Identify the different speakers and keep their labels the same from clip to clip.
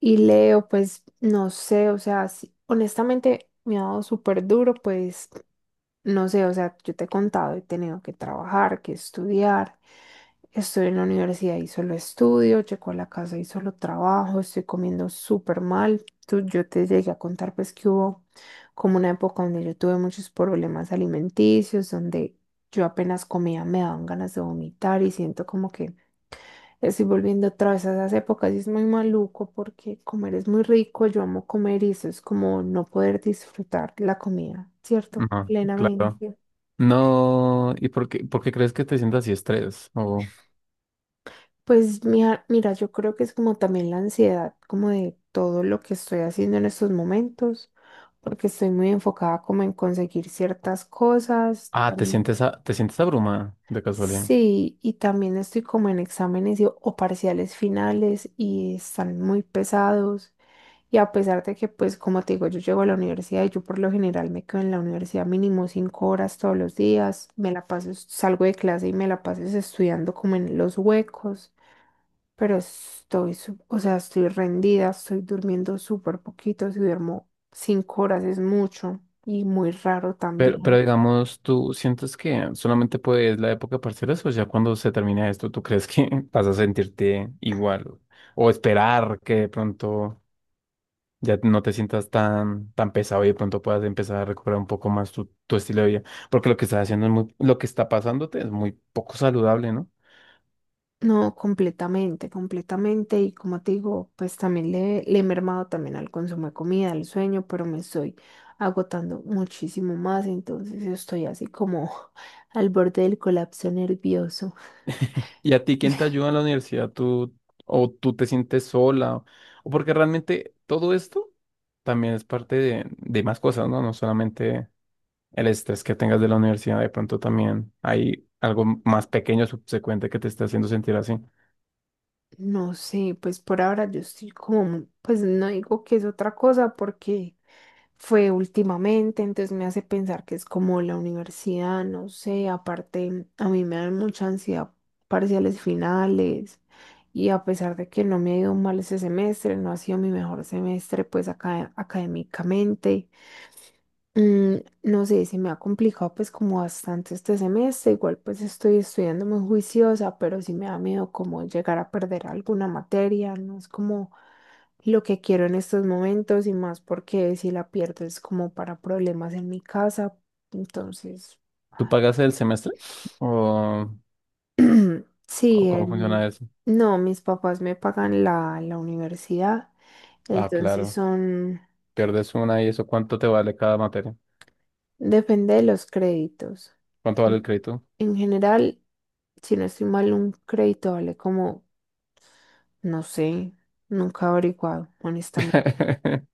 Speaker 1: Y Leo, pues no sé, o sea, sí, honestamente me ha dado súper duro, pues no sé, o sea, yo te he contado, he tenido que trabajar, que estudiar, estoy en la universidad y solo estudio, llego a la casa y solo trabajo, estoy comiendo súper mal. Tú, yo te llegué a contar pues que hubo como una época donde yo tuve muchos problemas alimenticios, donde yo apenas comía me daban ganas de vomitar y siento como que estoy volviendo otra vez a esas épocas y es muy maluco porque comer es muy rico, yo amo comer y eso es como no poder disfrutar la comida, ¿cierto?
Speaker 2: Ajá, claro.
Speaker 1: Plenamente.
Speaker 2: No, ¿y por qué, crees que te sientas así estrés? O,
Speaker 1: Pues mira, mira, yo creo que es como también la ansiedad, como de todo lo que estoy haciendo en estos momentos, porque estoy muy enfocada como en conseguir ciertas cosas.
Speaker 2: ah, te sientes, te sientes abrumada de casualidad.
Speaker 1: Sí, y también estoy como en exámenes o parciales finales y están muy pesados. Y a pesar de que, pues, como te digo, yo llego a la universidad y yo por lo general me quedo en la universidad mínimo 5 horas todos los días, me la paso, salgo de clase y me la paso estudiando como en los huecos, pero o sea, estoy rendida, estoy durmiendo súper poquito, si duermo 5 horas es mucho y muy raro
Speaker 2: Pero,
Speaker 1: también.
Speaker 2: digamos, ¿tú sientes que solamente puedes la época de parciales o ya cuando se termine esto, tú crees que vas a sentirte igual? O esperar que de pronto ya no te sientas tan, pesado y de pronto puedas empezar a recuperar un poco más tu, estilo de vida. Porque lo que estás haciendo es muy, lo que está pasándote es muy poco saludable, ¿no?
Speaker 1: No, completamente, completamente. Y como te digo, pues también le he mermado también al consumo de comida, al sueño, pero me estoy agotando muchísimo más. Entonces estoy así como al borde del colapso nervioso.
Speaker 2: ¿Y a ti quién te ayuda en la universidad? ¿Tú o tú te sientes sola? O porque realmente todo esto también es parte de, más cosas, ¿no? No solamente el estrés que tengas de la universidad, de pronto también hay algo más pequeño subsecuente que te está haciendo sentir así.
Speaker 1: No sé, pues por ahora yo estoy como, pues no digo que es otra cosa porque fue últimamente, entonces me hace pensar que es como la universidad, no sé, aparte a mí me dan mucha ansiedad parciales finales y a pesar de que no me ha ido mal ese semestre, no ha sido mi mejor semestre pues acá, académicamente. Mm, no sé, se me ha complicado pues como bastante este semestre, igual pues estoy estudiando muy juiciosa, pero sí me da miedo como llegar a perder alguna materia, no es como lo que quiero en estos momentos y más porque si la pierdo es como para problemas en mi casa, entonces
Speaker 2: ¿Tú pagas el semestre? ¿O, o
Speaker 1: sí,
Speaker 2: cómo funciona eso?
Speaker 1: no, mis papás me pagan la universidad,
Speaker 2: Ah,
Speaker 1: entonces
Speaker 2: claro.
Speaker 1: son...
Speaker 2: Pierdes una y eso, ¿cuánto te vale cada materia?
Speaker 1: Depende de los créditos.
Speaker 2: ¿Cuánto vale el crédito?
Speaker 1: En general, si no estoy mal, un crédito vale como, no sé, nunca he averiguado, honestamente.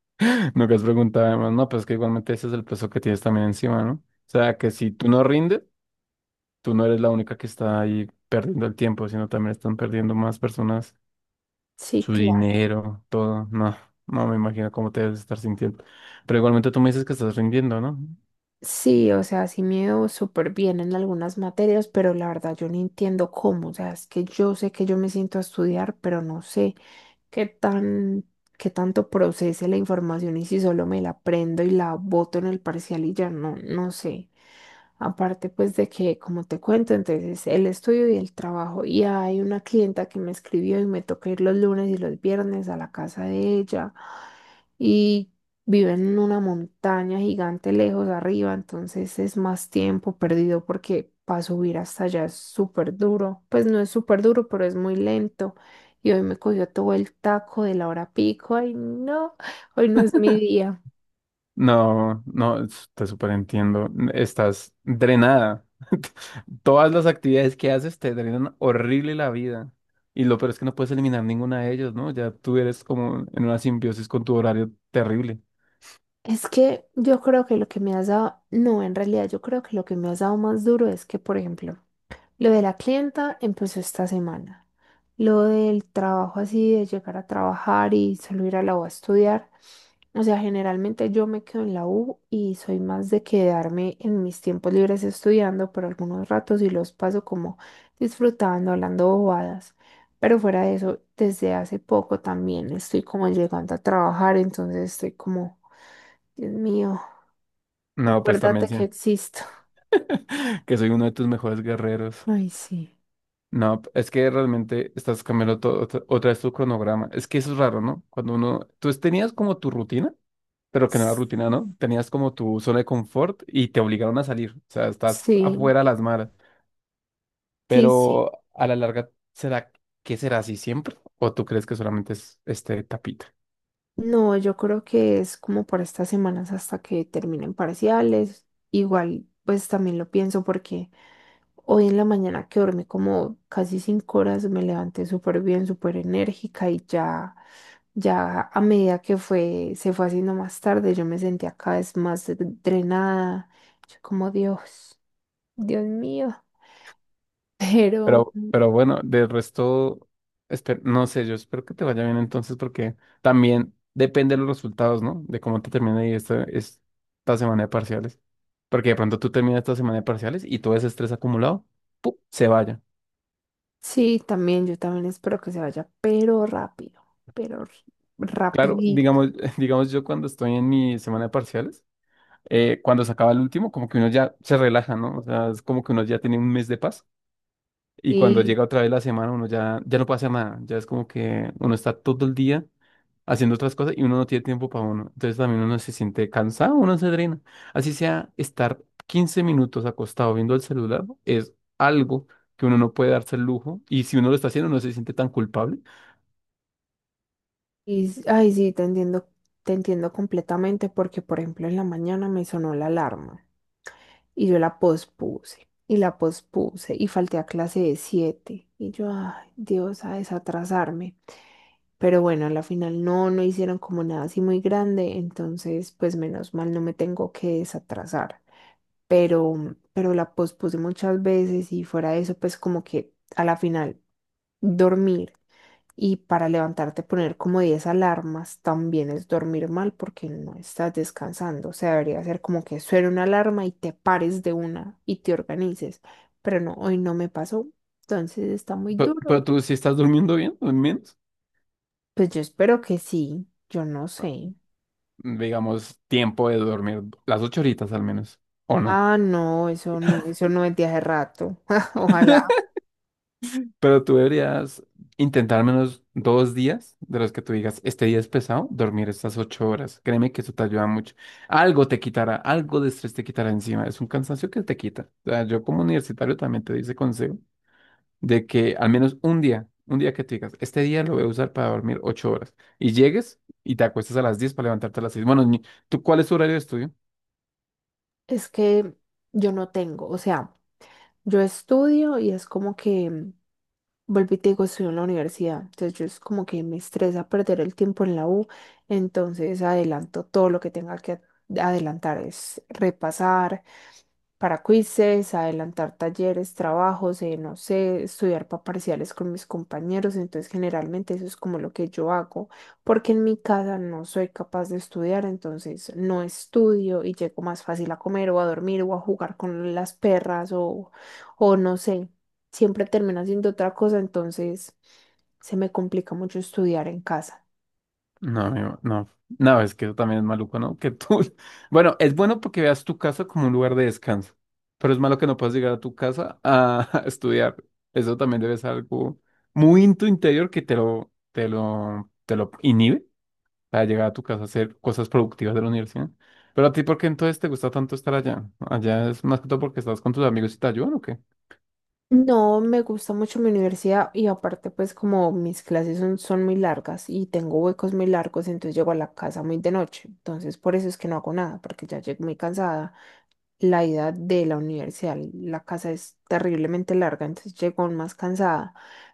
Speaker 2: Nunca has preguntado además, no, pues que igualmente ese es el peso que tienes también encima, ¿no? O sea, que si tú no rindes, tú no eres la única que está ahí perdiendo el tiempo, sino también están perdiendo más personas
Speaker 1: Sí,
Speaker 2: su
Speaker 1: claro.
Speaker 2: dinero, todo. No, no me imagino cómo te debes estar sintiendo. Pero igualmente tú me dices que estás rindiendo, ¿no?
Speaker 1: Sí, o sea, sí me veo súper bien en algunas materias, pero la verdad yo no entiendo cómo. O sea, es que yo sé que yo me siento a estudiar, pero no sé qué tan, qué tanto procese la información y si solo me la prendo y la boto en el parcial y ya no, no sé. Aparte, pues de que, como te cuento, entonces el estudio y el trabajo. Y hay una clienta que me escribió y me toca ir los lunes y los viernes a la casa de ella. Y vive en una montaña gigante lejos arriba, entonces es más tiempo perdido porque para subir hasta allá es súper duro. Pues no es súper duro, pero es muy lento. Y hoy me cogió todo el taco de la hora pico. Ay, no, hoy no es mi día.
Speaker 2: No, no, te superentiendo. Estás drenada. Todas las actividades que haces te drenan horrible la vida. Y lo peor es que no puedes eliminar ninguna de ellas, ¿no? Ya tú eres como en una simbiosis con tu horario terrible.
Speaker 1: Es que yo creo que lo que me has dado, no, en realidad yo creo que lo que me has dado más duro es que, por ejemplo, lo de la clienta empezó esta semana. Lo del trabajo así, de llegar a trabajar y solo ir a la U a estudiar. O sea, generalmente yo me quedo en la U y soy más de quedarme en mis tiempos libres estudiando por algunos ratos y los paso como disfrutando, hablando bobadas. Pero fuera de eso, desde hace poco también estoy como llegando a trabajar, entonces estoy como Dios mío,
Speaker 2: No, pues
Speaker 1: acuérdate
Speaker 2: también sí,
Speaker 1: que existo.
Speaker 2: que soy uno de tus mejores guerreros.
Speaker 1: Ay, sí.
Speaker 2: No, es que realmente estás cambiando todo, otra vez tu cronograma. Es que eso es raro, ¿no? Cuando uno, tú tenías como tu rutina, pero que no era rutina, ¿no? Tenías como tu zona de confort y te obligaron a salir. O sea, estás
Speaker 1: Sí,
Speaker 2: afuera a las malas.
Speaker 1: sí, sí.
Speaker 2: Pero a la larga, ¿será que será así siempre? ¿O tú crees que solamente es este tapita?
Speaker 1: No, yo creo que es como por estas semanas hasta que terminen parciales. Igual, pues también lo pienso porque hoy en la mañana que dormí como casi 5 horas, me levanté súper bien, súper enérgica y ya, ya a medida que se fue haciendo más tarde, yo me sentía cada vez más drenada. Yo como Dios, Dios mío. Pero
Speaker 2: Pero, bueno, de resto, no sé, yo espero que te vaya bien entonces, porque también depende de los resultados, ¿no? De cómo te termine ahí esta, semana de parciales. Porque de pronto tú terminas esta semana de parciales y todo ese estrés acumulado, ¡pum! Se vaya.
Speaker 1: sí, también, yo también espero que se vaya, pero rápido, pero
Speaker 2: Claro,
Speaker 1: rapidito.
Speaker 2: digamos, digamos yo cuando estoy en mi semana de parciales, cuando se acaba el último, como que uno ya se relaja, ¿no? O sea, es como que uno ya tiene un mes de paz. Y cuando
Speaker 1: Y,
Speaker 2: llega otra vez la semana, uno ya, no puede hacer nada. Ya es como que uno está todo el día haciendo otras cosas y uno no tiene tiempo para uno. Entonces también uno se siente cansado, uno se drena. Así sea, estar 15 minutos acostado viendo el celular es algo que uno no puede darse el lujo. Y si uno lo está haciendo, no se siente tan culpable.
Speaker 1: y ay, sí, te entiendo completamente porque, por ejemplo, en la mañana me sonó la alarma y yo la pospuse y falté a clase de 7 y yo, ay, Dios, a desatrasarme. Pero bueno, a la final no, no hicieron como nada así muy grande, entonces, pues menos mal no me tengo que desatrasar. pero, pero la pospuse muchas veces y fuera de eso, pues como que a la final dormir y para levantarte poner como 10 alarmas también es dormir mal porque no estás descansando. O sea, debería ser como que suene una alarma y te pares de una y te organices. Pero no, hoy no me pasó, entonces está muy
Speaker 2: Pero,
Speaker 1: duro.
Speaker 2: tú, si estás durmiendo bien, al menos,
Speaker 1: Pues yo espero que sí, yo no sé.
Speaker 2: digamos, tiempo de dormir las 8 horitas al menos, ¿o no?
Speaker 1: Ah, no, eso no, eso no es de hace rato. Ojalá.
Speaker 2: Pero tú deberías intentar al menos dos días de los que tú digas, este día es pesado, dormir estas 8 horas. Créeme que eso te ayuda mucho. Algo te quitará, algo de estrés te quitará encima. Es un cansancio que te quita. O sea, yo como universitario también te dice consejo de que al menos un día que te digas, este día lo voy a usar para dormir 8 horas. Y llegues y te acuestas a las 10 para levantarte a las 6. Bueno, ¿tú cuál es tu horario de estudio?
Speaker 1: Es que yo no tengo, o sea, yo estudio y es como que, vuelvo y te digo, estudio en la universidad, entonces yo es como que me estresa perder el tiempo en la U, entonces adelanto todo lo que tenga que adelantar, es repasar, para quizzes, adelantar talleres, trabajos, no sé, estudiar para parciales con mis compañeros. Entonces, generalmente eso es como lo que yo hago, porque en mi casa no soy capaz de estudiar, entonces no estudio y llego más fácil a comer o a dormir o a jugar con las perras o no sé, siempre termino haciendo otra cosa, entonces se me complica mucho estudiar en casa.
Speaker 2: No, amigo, no. No, es que eso también es maluco, ¿no? Que tú. Bueno, es bueno porque veas tu casa como un lugar de descanso, pero es malo que no puedas llegar a tu casa a estudiar. Eso también debe ser algo muy en tu interior que te lo, te lo inhibe para llegar a tu casa a hacer cosas productivas de la universidad. Pero a ti, ¿por qué entonces te gusta tanto estar allá? ¿Allá es más que todo porque estás con tus amigos y te ayudan o qué?
Speaker 1: No, me gusta mucho mi universidad y aparte pues como mis clases son muy largas y tengo huecos muy largos, entonces llego a la casa muy de noche. Entonces por eso es que no hago nada, porque ya llego muy cansada. La ida de la universidad, la casa es terriblemente larga, entonces llego aún más cansada.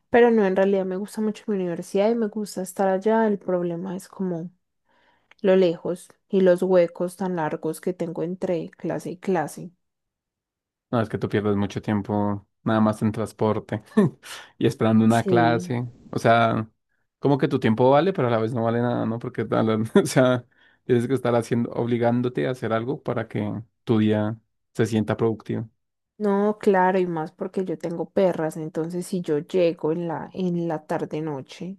Speaker 1: Pero no, en realidad me gusta mucho mi universidad y me gusta estar allá. El problema es como lo lejos y los huecos tan largos que tengo entre clase y clase.
Speaker 2: No, es que tú pierdes mucho tiempo nada más en transporte y esperando una
Speaker 1: Sí.
Speaker 2: clase. O sea, como que tu tiempo vale, pero a la vez no vale nada, ¿no? Porque, o sea, tienes que estar haciendo, obligándote a hacer algo para que tu día se sienta productivo.
Speaker 1: No, claro, y más porque yo tengo perras, entonces si yo llego en en la tarde noche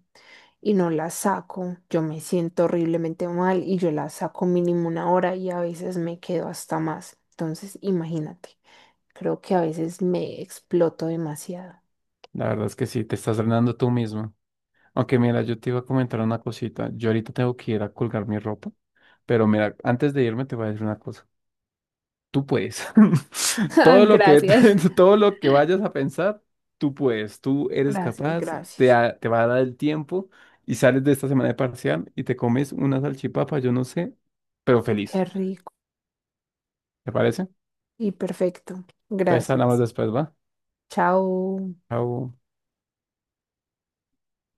Speaker 1: y no las saco, yo me siento horriblemente mal y yo las saco mínimo 1 hora y a veces me quedo hasta más. Entonces, imagínate, creo que a veces me exploto demasiado.
Speaker 2: La verdad es que sí, te estás drenando tú mismo. Aunque mira, yo te iba a comentar una cosita. Yo ahorita tengo que ir a colgar mi ropa, pero mira, antes de irme te voy a decir una cosa. Tú puedes.
Speaker 1: Ah,
Speaker 2: Todo lo que,
Speaker 1: gracias.
Speaker 2: todo lo que vayas a pensar, tú puedes, tú eres
Speaker 1: Gracias,
Speaker 2: capaz, te,
Speaker 1: gracias.
Speaker 2: te va a dar el tiempo y sales de esta semana de parcial y te comes una salchipapa, yo no sé, pero feliz.
Speaker 1: Qué rico
Speaker 2: ¿Te parece?
Speaker 1: y perfecto.
Speaker 2: Entonces hablamos
Speaker 1: Gracias.
Speaker 2: después, ¿va?
Speaker 1: Chao.
Speaker 2: Chao.